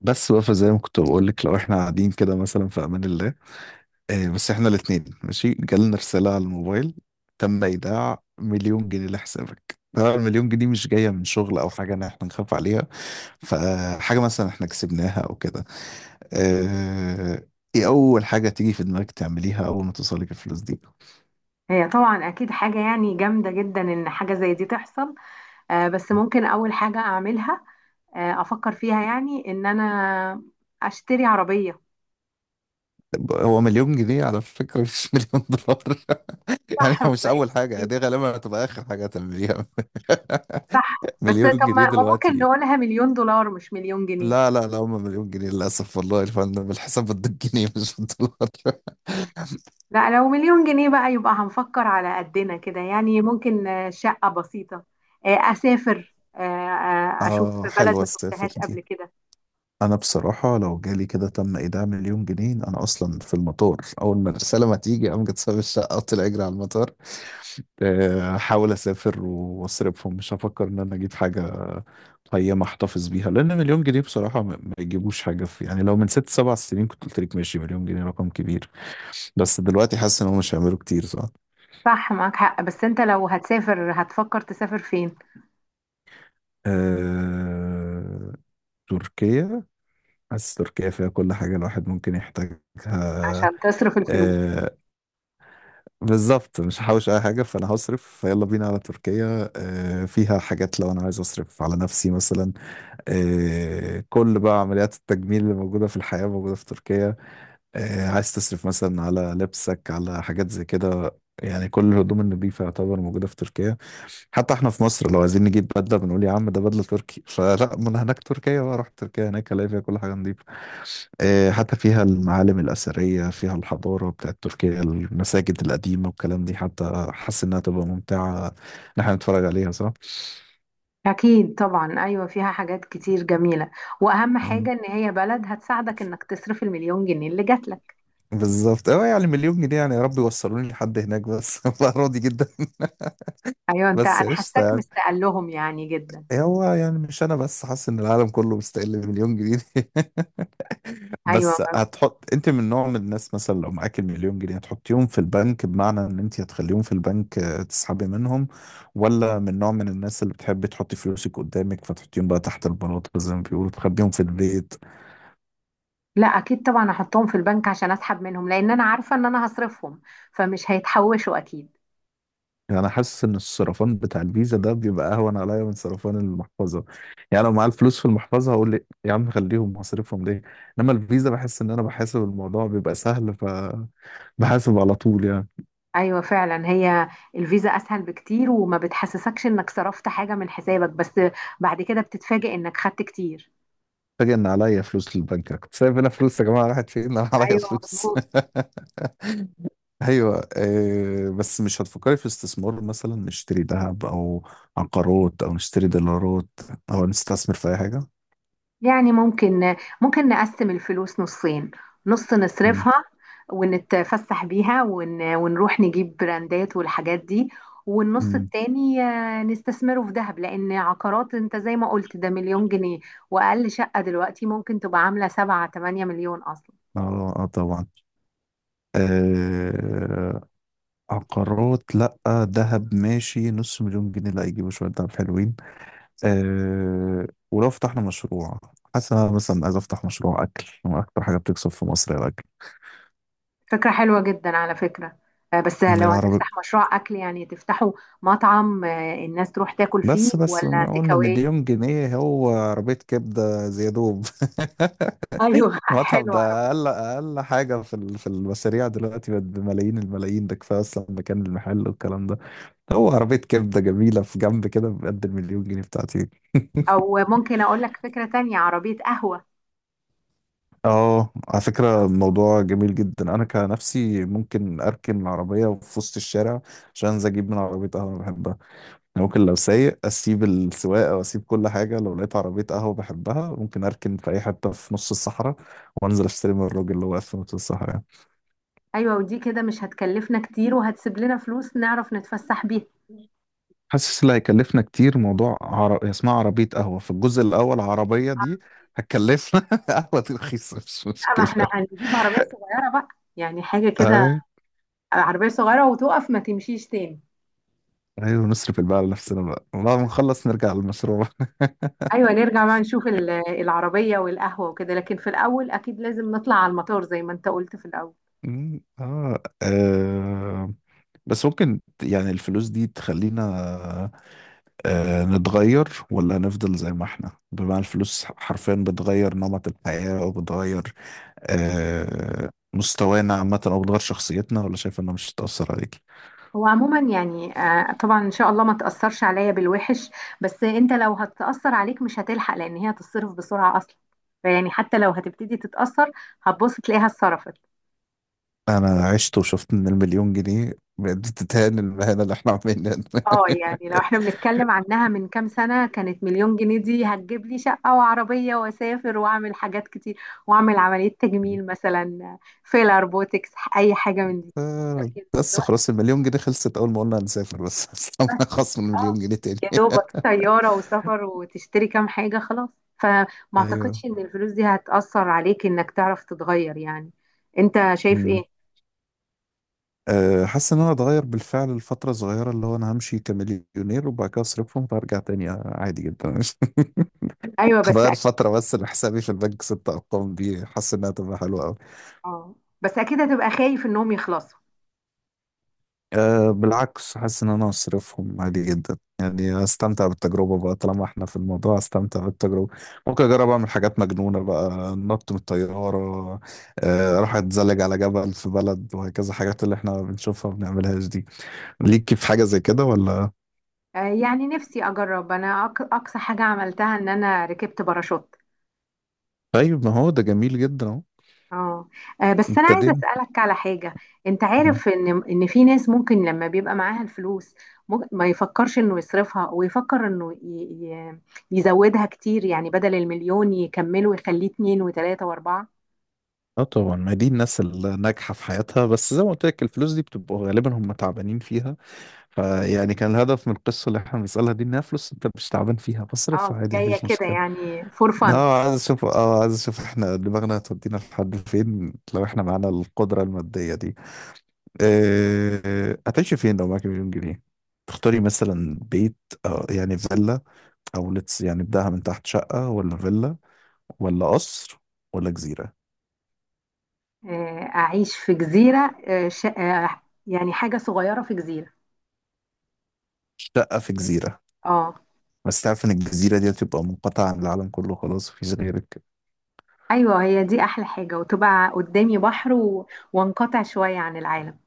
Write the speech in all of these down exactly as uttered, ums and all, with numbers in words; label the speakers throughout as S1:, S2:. S1: بس بقى فزي ما كنت بقول لك لو احنا قاعدين كده مثلا في امان الله. آه بس احنا الاثنين ماشي جالنا رساله على الموبايل: تم ايداع مليون جنيه لحسابك. طبعا المليون جنيه مش جايه من شغل او حاجه ان احنا نخاف عليها، فحاجه مثلا احنا كسبناها او كده. آه، ايه اول حاجه تيجي في دماغك تعمليها اول ما توصلك الفلوس دي؟
S2: هي طبعا اكيد حاجه يعني جامده جدا ان حاجه زي دي تحصل. آه، بس ممكن اول حاجه اعملها، آه، افكر فيها يعني ان انا اشتري عربيه.
S1: طب هو مليون جنيه على فكره مش مليون دولار. يعني
S2: صح، ما
S1: هو مش اول
S2: بقتش
S1: حاجه، يعني
S2: جديدة.
S1: دي غالبا هتبقى اخر حاجه هتعمليها.
S2: صح. بس
S1: مليون
S2: طب
S1: جنيه
S2: ما ما ممكن
S1: دلوقتي.
S2: نقولها مليون دولار مش مليون جنيه؟
S1: لا لا لا هم مليون جنيه للأسف، والله يا فندم الحساب بده الجنيه مش بالدولار.
S2: لا، لو مليون جنيه بقى يبقى هنفكر على قدنا كده، يعني ممكن آه، شقه بسيطه، آه، اسافر، آه، آه، اشوف
S1: اه
S2: بلد
S1: حلوة
S2: ما
S1: السافر
S2: شفتهاش
S1: دي.
S2: قبل كده.
S1: أنا بصراحة لو جالي كده تم إيداع مليون جنيه أنا أصلا في المطار. أول ما الرسالة ما تيجي أقوم جت ساب الشقة أطلع أجري على المطار، آه، أحاول أسافر وأصرفهم، مش هفكر إن أنا أجيب حاجة قيمة أحتفظ بيها، لأن مليون جنيه بصراحة ما ما يجيبوش حاجة. في يعني لو من ست سبع سنين كنت قلت لك ماشي مليون جنيه رقم كبير، بس دلوقتي حاسس إن هم مش هيعملوا كتير، صح؟
S2: صح، معاك حق، بس انت لو هتسافر هتفكر تسافر فين؟
S1: آه... تركيا. حاسس تركيا فيها كل حاجة الواحد ممكن يحتاجها.
S2: عشان تصرف الفلوس.
S1: آه... بالظبط، مش هحوش أي حاجة فأنا هصرف فيلا بينا على تركيا. آه... فيها حاجات لو أنا عايز أصرف على نفسي مثلا. آه... كل بقى عمليات التجميل اللي موجودة في الحياة موجودة في تركيا. آه، عايز تصرف مثلا على لبسك، على حاجات زي كده. يعني كل الهدوم النظيفة يعتبر موجودة في تركيا. حتى احنا في مصر لو عايزين نجيب بدلة بنقول يا عم ده بدلة تركي. فلا، من هناك تركيا بقى، رحت تركيا هناك الاقي فيها كل حاجة نظيفة. آه، حتى فيها المعالم الأثرية، فيها الحضارة بتاعت تركيا، المساجد القديمة والكلام دي. حتى حاسس إنها تبقى ممتعة إن احنا نتفرج عليها، صح؟
S2: أكيد طبعا، أيوة فيها حاجات كتير جميلة، وأهم
S1: مم.
S2: حاجة إن هي بلد هتساعدك إنك تصرف المليون جنيه اللي جات لك.
S1: بالظبط، اه يعني مليون جنيه، يعني يا رب يوصلوني لحد هناك بس أبقى راضي جدا.
S2: أيوة أنت، أنا
S1: بس قشطة
S2: حاساك
S1: يعني.
S2: مستقل لهم يعني جدا.
S1: إيه، هو يعني مش انا بس حاسس ان العالم كله مستقل بمليون جنيه.
S2: أيوة.
S1: بس هتحط انت من نوع من الناس مثلا لو معاك المليون جنيه هتحطيهم في البنك، بمعنى ان انت هتخليهم في البنك آه، تسحبي منهم، ولا من نوع من الناس اللي بتحب تحطي فلوسك قدامك فتحطيهم بقى تحت البلاط زي ما بيقولوا، تخبيهم في البيت؟
S2: لا أكيد طبعا أحطهم في البنك عشان أسحب منهم، لأن أنا عارفة إن أنا هصرفهم، فمش هيتحوشوا أكيد.
S1: يعني انا حاسس ان الصرفان بتاع الفيزا ده بيبقى اهون عليا من صرفان المحفظه. يعني لو معايا الفلوس في المحفظه هقول لي يا عم خليهم، هصرفهم ليه؟ انما الفيزا بحس ان انا بحاسب، الموضوع بيبقى سهل، ف بحاسب على طول يعني.
S2: أيوة فعلا، هي الفيزا أسهل بكتير وما بتحسسكش إنك صرفت حاجة من حسابك، بس بعد كده بتتفاجئ إنك خدت كتير.
S1: فاجئ ان عليا فلوس للبنك، أنا كنت سايب هنا فلوس يا جماعه راحت فين؟ انا عليا
S2: أيوة
S1: فلوس.
S2: مظبوط.
S1: ايوه، آه، بس مش هتفكري في استثمار مثلا نشتري ذهب او عقارات، او نشتري دولارات، او نستثمر في اي حاجه؟
S2: يعني ممكن، ممكن نقسم الفلوس نصين، نص
S1: مم.
S2: نصرفها ونتفسح بيها ون... ونروح نجيب براندات والحاجات دي، والنص
S1: مم.
S2: التاني آه، نستثمره في ذهب، لأن عقارات انت زي ما قلت ده مليون جنيه، وأقل شقة دلوقتي ممكن تبقى عاملة سبعة تمانية مليون أصلا.
S1: اه آه، طبعا. آه. عقارات لا، ذهب ماشي، نص مليون جنيه لا يجيبوا شويه ذهب حلوين. آه، ولو فتحنا مشروع، حاسس إن أنا مثلا عايز افتح مشروع اكل. اكتر حاجه بتكسب في مصر الاكل
S2: فكرة حلوة جدا على فكرة، آه، بس لو
S1: العربي.
S2: هتفتح مشروع أكل يعني تفتحوا مطعم، آه، الناس تروح تاكل فيه
S1: بس بس
S2: ولا
S1: ما
S2: تيك
S1: قلنا
S2: أواي؟
S1: مليون جنيه، هو عربية كبدة زيادوب.
S2: أيوه
S1: المطعم
S2: حلوة.
S1: ده أقل أقل حاجة في ال- في المشاريع دلوقتي بقت بملايين الملايين، ده كفاية أصلا مكان المحل والكلام ده. هو عربية كبدة جميلة في جنب كده بقد المليون جنيه بتاعتي.
S2: او ممكن اقول لك فكرة تانية: عربية قهوة.
S1: اه على فكرة الموضوع جميل جدا، أنا كنفسي ممكن أركن العربية في وسط الشارع عشان أنزل أجيب من عربية قهوة أنا بحبها. أنا ممكن لو سايق اسيب السواقه واسيب كل حاجه لو لقيت عربيه قهوه بحبها، ممكن اركن في اي حته في نص الصحراء وانزل اشتري من الراجل اللي واقف في نص الصحراء يعني.
S2: ايوه، ودي كده مش هتكلفنا كتير وهتسيب لنا فلوس نعرف نتفسح بيها.
S1: حاسس اللي هيكلفنا كتير موضوع عر... اسمها عربيه قهوه، في الجزء الاول العربيه دي هتكلفنا. قهوه دي رخيصه مش
S2: لا، ما احنا
S1: مشكله.
S2: هنجيب عربية صغيرة بقى، يعني حاجة كده،
S1: اي.
S2: عربية صغيرة وتقف ما تمشيش تاني.
S1: ايوه نصرف الباقي على نفسنا بقى بعد ما نخلص نرجع للمشروع.
S2: ايوه، نرجع بقى نشوف ال- العربية والقهوة وكده، لكن في الاول اكيد لازم نطلع على المطار زي ما انت قلت في الاول.
S1: أمم، اه آه، بس ممكن ت- يعني الفلوس دي تخلينا آه، نتغير ولا هنفضل زي ما احنا؟ بمعنى الفلوس حرفيا بتغير نمط الحياة، او بتغير آه، مستوانا عامة، او بتغير شخصيتنا، ولا شايف انها مش هتأثر عليك؟
S2: هو عموما يعني آه، طبعا ان شاء الله ما تأثرش عليا بالوحش، بس انت لو هتأثر عليك مش هتلحق، لان هي هتتصرف بسرعة اصلا، فيعني حتى لو هتبتدي تتأثر هتبص تلاقيها اتصرفت.
S1: انا عشت وشفت ان المليون جنيه بتتهان المهنة اللي احنا عاملينها.
S2: اه يعني لو احنا بنتكلم عنها من كام سنة، كانت مليون جنيه دي هتجيب لي شقة وعربية واسافر واعمل حاجات كتير، واعمل عملية تجميل مثلا، فيلر، بوتكس، اي حاجة من دي.
S1: آه،
S2: لكن
S1: بس
S2: دلوقتي
S1: خلاص المليون جنيه خلصت اول ما قلنا هنسافر بس. استنى خصم المليون
S2: اه،
S1: جنيه تاني.
S2: يا دوبك طيارة وسفر وتشتري كام حاجة خلاص. فما اعتقدش
S1: ايوه.
S2: ان الفلوس دي هتأثر عليك انك تعرف تتغير يعني. انت شايف ايه؟
S1: مم. أه حاسس ان انا اتغير بالفعل لفتره صغيره، اللي هو انا همشي كمليونير وبعد كده اصرفهم فارجع تاني آه، عادي جدا.
S2: ايوه بس
S1: غير
S2: اكيد.
S1: فترة بس لحسابي في البنك ست أرقام دي حاسس إنها تبقى حلوة أوي.
S2: اه بس اكيد هتبقى خايف انهم يخلصوا.
S1: أه بالعكس حاسس إن أنا أصرفهم عادي جدا، يعني أستمتع بالتجربة بقى طالما إحنا في الموضوع، أستمتع بالتجربة. ممكن أجرب أعمل حاجات مجنونة بقى، نط من الطيارة، أه أروح أتزلج على جبل في بلد، وهكذا حاجات اللي إحنا بنشوفها ما بنعملهاش دي. ليك في حاجة زي كده ولا؟
S2: آه يعني نفسي اجرب، انا أق- اقصى حاجة عملتها ان انا ركبت باراشوت.
S1: طيب ما هو ده جميل جدا أهو.
S2: اه. آه، بس انا عايزه
S1: ابتدينا.
S2: اسالك على حاجه. انت
S1: مم.
S2: عارف ان ان في ناس ممكن لما بيبقى معاها الفلوس، ممكن ما يفكرش انه يصرفها ويفكر انه ي... ي... يزودها كتير، يعني بدل المليون يكمله ويخليه اتنين وتلاته واربعه.
S1: اه طبعا، ما دي الناس الناجحة في حياتها، بس زي ما قلت لك الفلوس دي بتبقى غالبا هم تعبانين فيها، فيعني كان الهدف من القصة اللي احنا بنسألها دي انها فلوس انت مش تعبان فيها
S2: اه
S1: فاصرفها عادي
S2: جايه
S1: مفيش
S2: كده
S1: مشكلة.
S2: يعني فور فن.
S1: اه عايز اشوف، اه عايز اشوف احنا دماغنا هتودينا لحد فين لو احنا معانا القدرة المادية دي. اه، هتعيشي فين لو معاكي مليون جنيه؟ تختاري مثلا بيت، آه يعني فيلا، او لتس يعني بداها من تحت، شقة ولا فيلا ولا قصر ولا جزيرة؟
S2: اعيش في جزيره، آه، ش... آه، يعني حاجه صغيره في جزيره.
S1: شقة في جزيرة؟
S2: اه.
S1: بس تعرف ان الجزيرة دي هتبقى منقطعة عن العالم كله خلاص مفيش غيرك.
S2: ايوه هي دي احلى حاجه، وتبقى قدامي بحر و... وانقطع شويه عن العالم.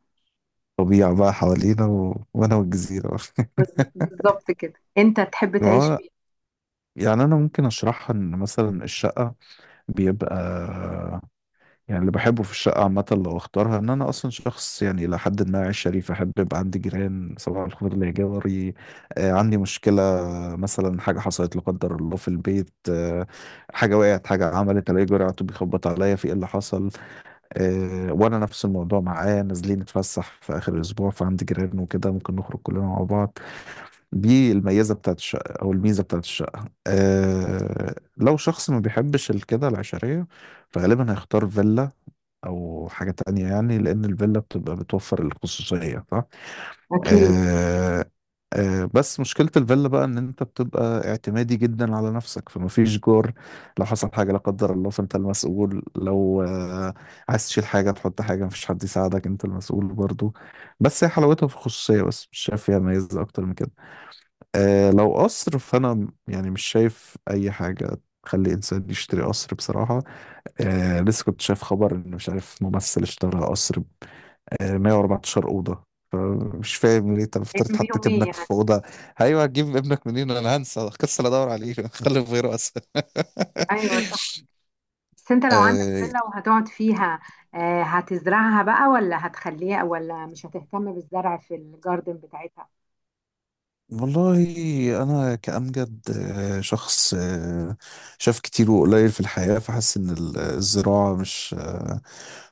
S1: طبيعة بقى حوالينا و... وانا والجزيرة.
S2: بز- بالظبط كده. انت تحب تعيش
S1: و-
S2: فين؟
S1: يعني انا ممكن اشرحها، ان مثلا الشقه بيبقى، يعني اللي بحبه في الشقه عامه لو اختارها، ان انا اصلا شخص يعني الى حد ما عايش شريف، احب يبقى عندي جيران صباح الخير ليا جاري، آه عندي مشكله مثلا حاجه حصلت لا قدر الله في البيت، آه حاجه وقعت حاجه عملت، الاقي جاري على طول بيخبط عليا في ايه اللي حصل، آه وانا نفس الموضوع معاه، نازلين نتفسح في اخر الاسبوع فعندي جيران وكده ممكن نخرج كلنا مع بعض. دي الميزة بتاعت الشقة. أو الميزة بتاعت الشقة أه لو شخص ما بيحبش الكده العشرية، فغالبا هيختار فيلا أو حاجة تانية يعني، لأن الفيلا بتبقى بتوفر الخصوصية، صح؟
S2: أكيد.
S1: أه. أه بس مشكلة الفيلا بقى إن أنت بتبقى اعتمادي جدا على نفسك، فما فيش جار. لو حصل حاجة لا قدر الله فأنت المسؤول، لو أه عايز تشيل حاجة تحط حاجة مفيش حد يساعدك أنت المسؤول برضو. بس هي حلاوتها في الخصوصية بس، مش شايف فيها ميزة أكتر من كده. آه لو قصر فانا م- يعني مش شايف اي حاجه تخلي انسان يشتري قصر بصراحه. آه لسه كنت شايف خبر ان مش عارف ممثل اشترى قصر ب آه مية وأربعتاشر اوضه، فمش فاهم ليه، انت المفترض
S2: أيام بيهم
S1: حطيت
S2: إيه
S1: ابنك في
S2: يعني؟
S1: اوضه؟ ايوه هتجيب ابنك منين، انا هنسى كسل ادور عليه. خلي في غيره اسهل.
S2: أيوه صح. بس أنت لو عندك فيلا وهتقعد فيها، آه، هتزرعها بقى ولا هتخليها ولا مش هتهتم بالزرع في الجاردن بتاعتها؟
S1: والله انا كأمجد آه، شخص آه، شاف كتير وقليل في الحياة، فحاسس ان ال- آه، الزراعة مش آه،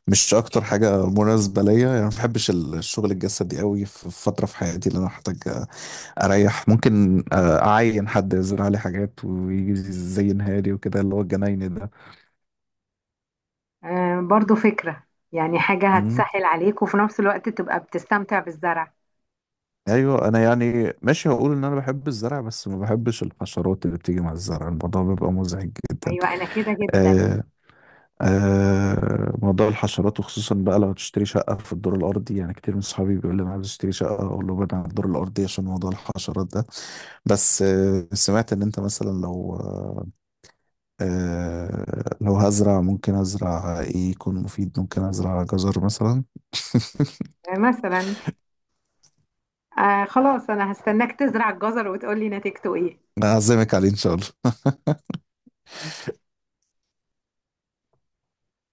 S1: مش اكتر حاجة مناسبة ليا يعني. ما بحبش ال- الشغل الجسدي قوي، في في فترة في حياتي اللي انا احتاج اريح، ممكن آه، اعين حد يزرع لي حاجات ويجي زينها لي وكده، اللي هو الجناين ده.
S2: آه، برضو فكرة، يعني حاجة
S1: مم.
S2: هتسهل عليك وفي نفس الوقت تبقى بتستمتع بالزرع.
S1: ايوه انا يعني ماشي هقول ان انا بحب الزرع بس ما بحبش الحشرات اللي بتيجي مع الزرع، الموضوع بيبقى مزعج جدا.
S2: أيوه أنا كده جدا.
S1: آه، آه موضوع الحشرات، وخصوصا بقى لو هتشتري شقة في الدور الأرضي. يعني كتير من صحابي بيقول لي أنا عايز أشتري شقة أقول له بعد عن الدور الأرضي عشان موضوع الحشرات ده. بس آه سمعت إن أنت مثلا لو آه لو هزرع ممكن أزرع إيه يكون مفيد، ممكن أزرع جزر مثلا.
S2: آه، مثلا. آه خلاص أنا هستناك تزرع الجزر وتقولي نتيجته إيه.
S1: أعزمك عليه إن شاء الله.